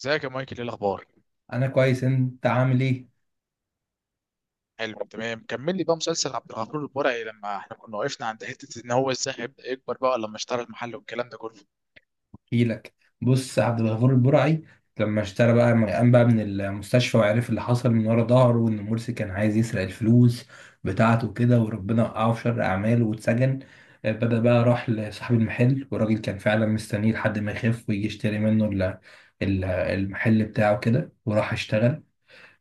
ازيك يا مايكل؟ ايه الاخبار؟ انا كويس. انت عامل ايه؟ حلو تمام. كمل لي بقى مسلسل عبد الغفور البرعي. لما احنا كنا وقفنا عند حته ان هو ازاي هيبدا يكبر بقى لما اشترى المحل والكلام ده كله. احكيلك. بص، عبد الغفور البرعي لما اشترى بقى، لما قام بقى من المستشفى وعرف اللي حصل من ورا ظهره وان مرسي كان عايز يسرق الفلوس بتاعته وكده، وربنا وقعه في شر اعماله واتسجن. بدأ بقى راح لصاحب المحل، والراجل كان فعلا مستنيه لحد ما يخف ويجي يشتري منه المحل بتاعه كده وراح اشتغل.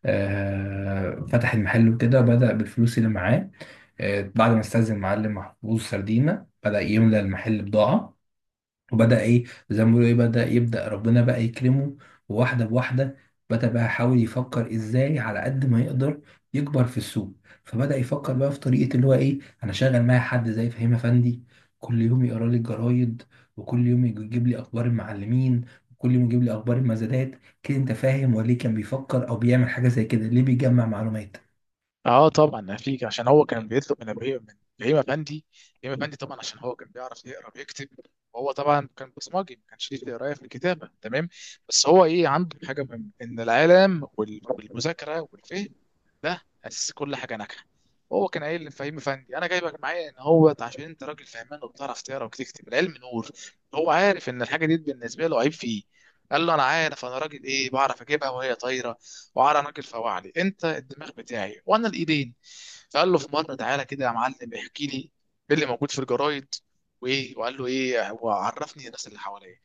فتح المحل وكده، بدأ بالفلوس اللي معاه. بعد ما استأذن معلم محفوظ سردينة بدأ يملى المحل بضاعة، وبدأ إيه، زي ما بيقولوا إيه، بدأ ربنا بقى يكرمه واحدة بواحدة. بدأ بقى يحاول يفكر إزاي على قد ما يقدر يكبر في السوق، فبدأ يفكر بقى في طريقة اللي هو إيه. أنا شغال معايا حد زي فهيم أفندي، كل يوم يقرا لي الجرايد، وكل يوم يجيب لي أخبار المعلمين، وكل يوم يجيب لي أخبار المزادات. كده أنت فاهم، وليه كان بيفكر أو بيعمل حاجة زي كده؟ ليه بيجمع معلومات؟ اه طبعا فيك، عشان هو كان بيطلب من ابراهيم، من ابراهيم افندي. ابراهيم افندي طبعا، عشان هو كان بيعرف يقرا ويكتب، وهو طبعا كان بصمجي، ما كانش ليه في القرايه في الكتابه، تمام. بس هو ايه، عنده حاجه مهمه ان العلم والمذاكره والفهم ده اساس كل حاجه ناجحه. هو كان قايل لفهيم افندي انا جايبك معايا، ان هو عشان انت راجل فهمان وبتعرف تقرا وتكتب، العلم نور. هو عارف ان الحاجه دي بالنسبه له عيب فيه. قال له انا عارف انا راجل ايه، بعرف اجيبها وهي طايره، وعلى راجل فوعلي، انت الدماغ بتاعي وانا الايدين. فقال له في مره، تعالى كده يا معلم احكي لي ايه اللي موجود في الجرايد، وايه، وقال له ايه وعرفني الناس اللي حواليا.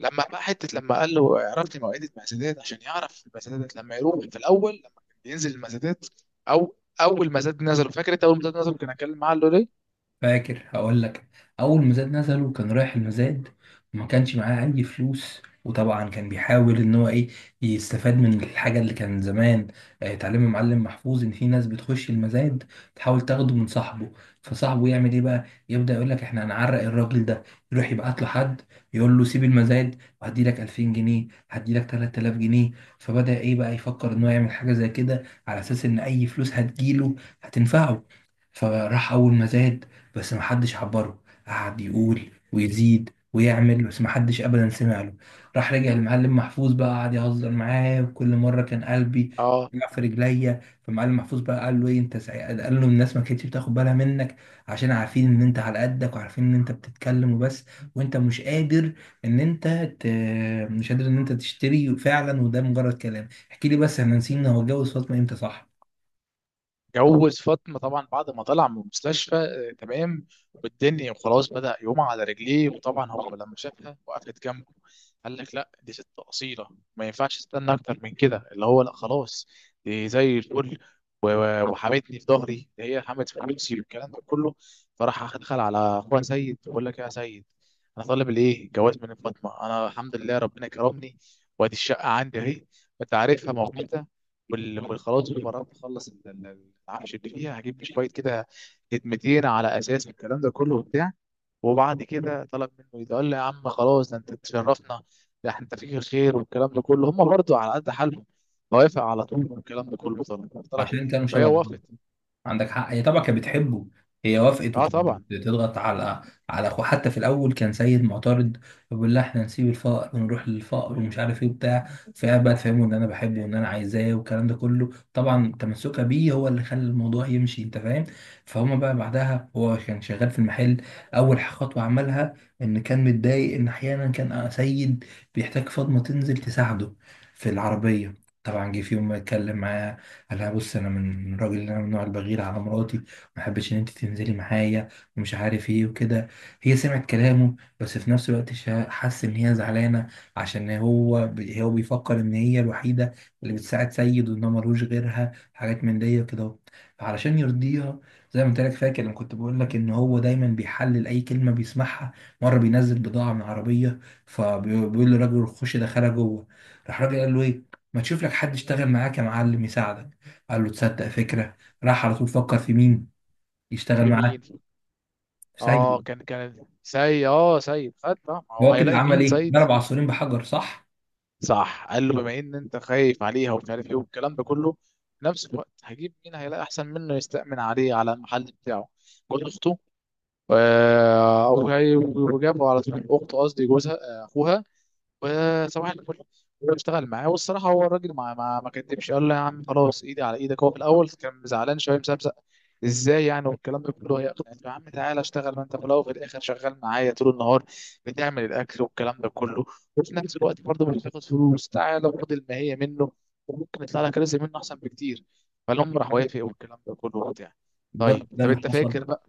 لما بقى حته لما قال له عرفني مواعيد المزادات، عشان يعرف المزادات، لما يروح في الاول لما كان بينزل المزادات، او اول مزاد نزله، فاكر انت اول مزاد نزله كان اتكلم معاه قال له ليه؟ فاكر، هقول لك. اول مزاد نزله كان رايح المزاد وما كانش معاه اي فلوس، وطبعا كان بيحاول ان هو ايه، يستفاد من الحاجه اللي كان زمان تعليم المعلم محفوظ ان في ناس بتخش المزاد تحاول تاخده من صاحبه، فصاحبه يعمل ايه بقى، يبدا يقول لك احنا هنعرق الراجل ده، يروح يبعت له حد يقول له سيب المزاد وهدي لك 2000 جنيه، هدي لك 3000 جنيه. فبدا ايه بقى، يفكر ان هو يعمل حاجه زي كده على اساس ان اي فلوس هتجيله هتنفعه. فراح اول مزاد، بس محدش عبره، قعد يقول ويزيد ويعمل، بس محدش ابدا سمع له. راح رجع المعلم محفوظ بقى، قعد يهزر معاه، وكل مره كان قلبي اه. وقع في رجليا. فمعلم محفوظ بقى قال له ايه انت سعيد، قال له الناس ما كانتش بتاخد بالها منك، عشان عارفين ان انت على قدك، وعارفين ان انت بتتكلم وبس، وانت مش قادر ان انت ت... مش قادر ان انت تشتري فعلا، وده مجرد كلام. احكي لي بس، احنا نسينا، هو اتجوز فاطمه امتى؟ صح، جوز فاطمة طبعا بعد ما طلع من المستشفى، آه، تمام. والدنيا وخلاص، بدأ يقوم على رجليه. وطبعا هو لما شافها وقفت جنبه، قال لك لا دي ست أصيلة، ما ينفعش استنى أكتر من كده، اللي هو لا خلاص، دي زي الفل، وحمتني في ظهري، هي حمت في فلوسي والكلام ده كله. فراح دخل على اخوها سيد، بقول لك إيه يا سيد، انا طالب الايه، جواز من فاطمه. انا الحمد لله ربنا كرمني، وادي الشقه عندي اهي، انت عارفها موقتها، والخلاص، وقررت اخلص العفش اللي فيها، هجيب لي شويه كده خدمتين على اساس الكلام ده كله وبتاع. وبعد كده طلب منه، يقول لي يا عم خلاص، ده انت تشرفنا، ده انت فيك الخير والكلام ده كله. هم برضو على قد حالهم، موافق على طول والكلام ده كله. طلب طلب عشان ايديها كانوا فهي شبه بعض. وافقت. عندك حق، هي طبعا كانت بتحبه. هي وافقت، اه وكانت طبعا. بتضغط على اخوه، حتى في الاول كان سيد معترض، بيقول لها احنا نسيب الفقر ونروح للفقر، ومش عارف ايه وبتاع. فقعد بقى تفهمه ان انا بحبه وان انا عايزاه، والكلام ده كله، طبعا تمسكها بيه هو اللي خلى الموضوع يمشي. انت فاهم. فهما بقى بعدها، هو كان شغال في المحل. اول خطوه عملها، ان كان متضايق ان احيانا كان سيد بيحتاج فاطمه تنزل تساعده في العربيه. طبعا جه في يوم اتكلم معاه، قال لها بص، انا من راجل، انا من النوع البغير على مراتي، ما احبش ان انت تنزلي معايا ومش عارف ايه وكده. هي سمعت كلامه، بس في نفس الوقت حس ان هي زعلانه، عشان هو بيفكر ان هي الوحيده اللي بتساعد سيد، وان هو ملوش غيرها، حاجات من دي وكده. فعلشان يرضيها، زي ما انت لك فاكر لما كنت بقول لك ان هو دايما بيحلل اي كلمه بيسمعها، مره بينزل بضاعه من عربيه، فبيقول للراجل خش دخلها جوه. راح الراجل قال له ايه، ما تشوف لك حد يشتغل معاك يا معلم يساعدك؟ قال له تصدق فكرة. راح على طول فكر في مين يشتغل في معاه، مين؟ في اه، سيد. كان سيد. اه سيد خد طبعا، هو هو كده هيلاقي عمل مين؟ ايه، سيد. ضرب عصفورين بحجر، صح؟ صح. قال له بما ان انت خايف عليها ومش عارف ايه والكلام ده كله، في نفس الوقت هجيب مين هيلاقي احسن منه يستأمن عليه على المحل بتاعه، جوز اخته. آه وجابه على طول، اخته، قصدي جوزها، آه، اخوها. وصباح الفل واشتغل معاه. والصراحه هو الراجل ما كدبش، قال له يا عم خلاص ايدي على ايدك. هو في الاول كان زعلان شويه مسبسق، ازاي يعني والكلام ده كله، يا عم تعالى اشتغل، ما انت في الاول وفي الاخر شغال معايا طول النهار، بتعمل الاكل والكلام ده كله، وفي نفس الوقت برضه مش بتاخد فلوس، تعالى خد الماهيه منه، وممكن يطلع لك رزق منه احسن بكتير. فالام راح وافق والكلام ده كله وبتاع. بالظبط، طيب، ده طب اللي انت حصل. فاكر بقى؟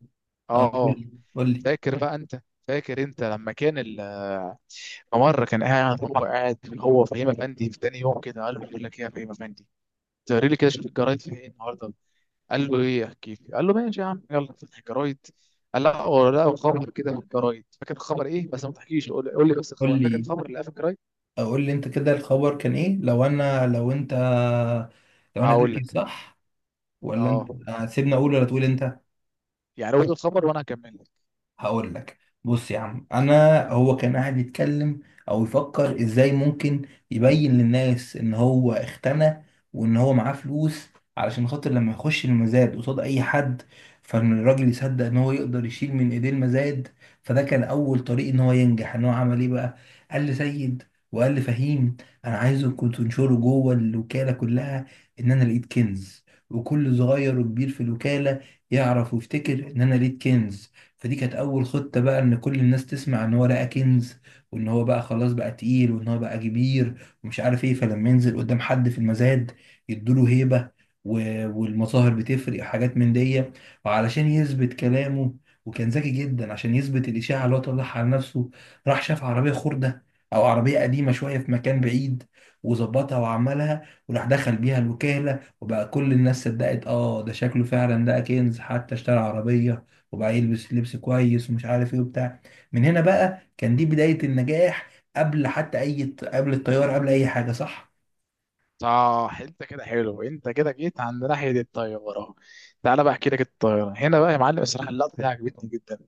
أو اه قول اه. لي قول لي فاكر بقى انت، فاكر انت لما كان مرة كان قاعد، هو فهيم أفندي، في تاني يوم كده قال له بقول لك إيه يا فهيم أفندي، تقري لي كده شوف الجرايد في إيه النهاردة. قال له إيه أحكي لي؟ قال له ماشي يا عم، يلا فتح الجرايد. قال لا هو لا، خبر كده في الجرايد، فاكر الخبر إيه؟ بس ما تحكيش، قول لي بس قول الخبر، فاكر لي، الخبر اللي في الجرايد؟ أو قول لي انت كده الخبر كان ايه. لو انا، لو انت، لو انا هقول فاكر لك. صح، ولا أه انت؟ سيبني اقول ولا تقول انت. يعني قول الخبر وأنا هكمل لك. هقول لك. بص يا عم، انا هو كان قاعد يتكلم او يفكر ازاي ممكن يبين للناس ان هو اختنى وان هو معاه فلوس، علشان خاطر لما يخش المزاد قصاد اي حد، فان الراجل يصدق ان هو يقدر يشيل من ايديه المزاد. فده كان اول طريق ان هو ينجح. ان هو عمل ايه بقى، قال لسيد وقال لفهيم انا عايزكم تنشروا جوه الوكاله كلها ان انا لقيت كنز، وكل صغير وكبير في الوكاله يعرف ويفتكر ان انا لقيت كنز. فدي كانت اول خطة بقى، ان كل الناس تسمع ان هو لقى كنز، وان هو بقى خلاص بقى تقيل، وان هو بقى كبير ومش عارف ايه، فلما ينزل قدام حد في المزاد يدوله هيبة، والمظاهر بتفرق وحاجات من دي. وعلشان يثبت كلامه، وكان ذكي جدا، عشان يثبت الإشاعة اللي هو طلعها على نفسه، راح شاف عربية خردة أو عربية قديمة شوية في مكان بعيد، وظبطها وعملها، وراح دخل بيها الوكالة، وبقى كل الناس صدقت. اه، ده شكله فعلا ده كنز، حتى اشترى عربية، وبقى يلبس لبس كويس ومش عارف ايه وبتاع. من هنا بقى كان دي بداية النجاح، قبل حتى اي، قبل الطيارة، قبل اي حاجة، صح. صح انت كده. حلو انت كده جيت عند ناحيه الطياره. تعالى بقى احكي لك الطياره. هنا بقى يا معلم، الصراحه اللقطه دي عجبتني جدا.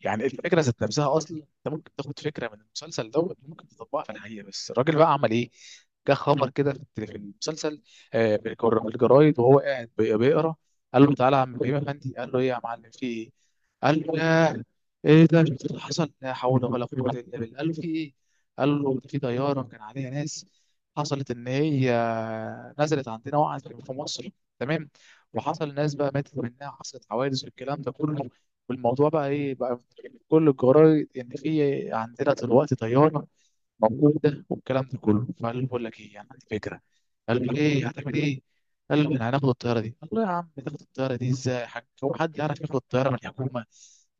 يعني الفكره ذات نفسها اصلا، انت ممكن تاخد فكره من المسلسل دوت ممكن تطبقها في الحقيقه. بس الراجل بقى عمل ايه؟ جه خبر كده في المسلسل، آه، الجرايد، وهو قاعد بيقرا. قال له تعالى يا عم ابراهيم افندي، قال له ايه يا معلم في ايه؟ قال له ياه، ايه ده، شفت اللي حصل؟ لا حول ولا قوه الا بالله. قال له في ايه؟ قال له ده في طياره كان عليها ناس، حصلت ان هي نزلت عندنا، وقعت في مصر، تمام، وحصل ناس بقى ماتت منها، حصلت حوادث والكلام ده كله. والموضوع بقى ايه بقى، كل الجرايد ان في عندنا دلوقتي طياره موجوده والكلام ده كله. فقال له بقول لك ايه، يعني عندي فكره. قال له ايه هتعمل ايه؟ قال له احنا هناخد الطياره دي. قال له يا عم، تاخد الطياره دي ازاي يا حاج؟ هو حد يعرف ياخد الطياره من الحكومه؟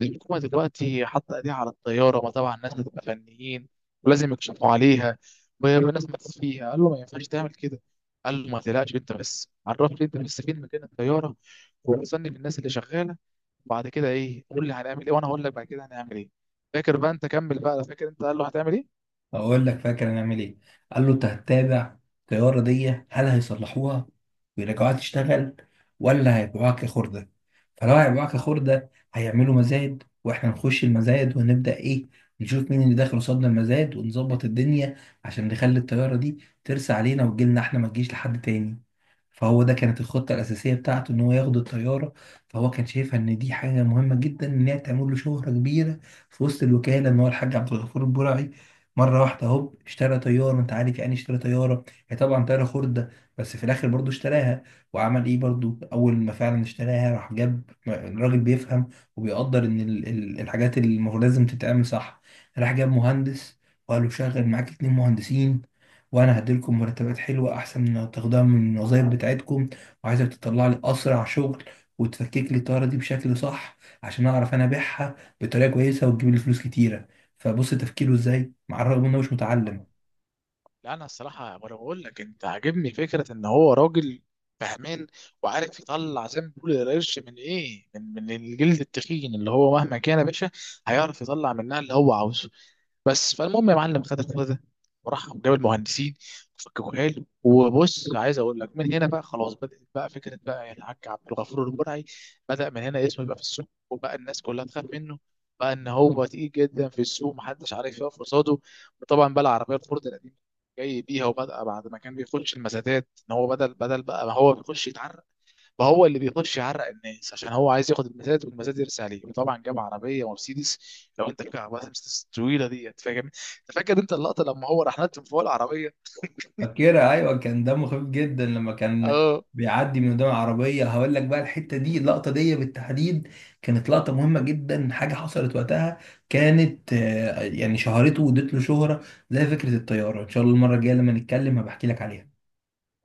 الحكومه دلوقتي حاطه ايديها على الطياره، وطبعا الناس بتبقى فنيين ولازم يكشفوا عليها، والناس ماتت فيها، قال له ما ينفعش تعمل كده. قال له ما تقلقش، انت بس عرفني، انت بس فين مكان الطياره، ووصلني للناس اللي شغاله، وبعد كده ايه، قول لي هنعمل ايه، وانا هقول لك بعد كده هنعمل ايه. فاكر بقى انت؟ كمل بقى. فاكر انت قال له هتعمل ايه؟ اقول لك فاكر هنعمل ايه. قال له انت هتتابع الطياره دي، هل هيصلحوها ويرجعوها تشتغل، ولا هيبيعوها كخرده؟ فلو هيبيعوها كخرده، هيعملوا مزاد، واحنا نخش المزاد ونبدا ايه، نشوف مين اللي داخل قصادنا المزاد، ونظبط الدنيا عشان نخلي الطياره دي ترسى علينا وتجيلنا احنا، ما تجيش لحد تاني. فهو ده كانت الخطة الأساسية بتاعته، إن هو ياخد الطيارة. فهو كان شايفها إن دي حاجة مهمة جدا، إن هي تعمل له شهرة كبيرة في وسط الوكالة، إن هو الحاج عبد الغفور البرعي مره واحده هوب اشترى طياره. انت عارف يعني إيه اشترى طياره؟ هي طبعا طياره خرده، بس في الاخر برضو اشتراها. وعمل ايه برضو، اول ما فعلا اشتراها، راح جاب راجل بيفهم وبيقدر ان الحاجات اللي المفروض لازم تتعمل صح. راح جاب مهندس، وقال له شغل معاك اتنين مهندسين، وانا هديلكم مرتبات حلوه احسن من تاخدوها من الوظايف بتاعتكم، وعايزك تطلع لي اسرع شغل وتفكك لي الطياره دي بشكل صح عشان اعرف انا ابيعها بطريقه كويسه وتجيب لي فلوس كتيره. فبص تفكيره ازاي، مع الرغم انه مش متعلم. لا انا الصراحه وانا بقول لك، انت عاجبني فكره ان هو راجل فهمان، وعارف يطلع زي ما بيقول القرش، من ايه، من الجلد التخين، اللي هو مهما كان يا باشا هيعرف يطلع منها اللي هو عاوزه. بس فالمهم يا معلم، خد الخبر ده، وراح جاب المهندسين وفككوا حلو. وبص عايز اقول لك، من هنا بقى خلاص بدات بقى فكره بقى الحاج عبد الغفور البرعي، بدا من هنا اسمه يبقى في السوق، وبقى الناس كلها تخاف منه، بقى ان هو تقيل جدا في السوق محدش عارف يقف قصاده. وطبعا بقى العربيه الفورد القديمه جاي بيها، وبدأ بعد ما كان بيخش المسادات، ان هو بدل بقى ما هو بيخش يتعرق، بقى هو اللي بيخش يعرق الناس، عشان هو عايز ياخد المسادات والمسادات يرسي عليه. وطبعا جاب عربيه مرسيدس. لو انت فاكر عربيه مرسيدس الطويله ديت، فاكر انت، فاكر انت اللقطه لما هو راح نط من فوق العربيه؟ فاكرها، ايوه، كان دمه خفيف جدا لما كان اه بيعدي من قدام العربيه. هقول لك بقى، الحته دي، اللقطه دي بالتحديد، كانت لقطه مهمه جدا، حاجه حصلت وقتها كانت يعني شهرته، وادت له شهره، زي فكره الطياره. ان شاء الله المره الجايه لما نتكلم هبحكي لك عليها.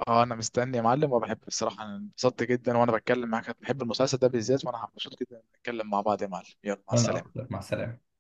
اه. انا مستني يا معلم، وبحب بصراحه، انا انبسطت جدا وانا بتكلم معاك، بحب المسلسل ده بالذات، وانا مبسوط جدا نتكلم مع بعض يا معلم. يلا مع وانا السلامه. اكتر، مع السلامه.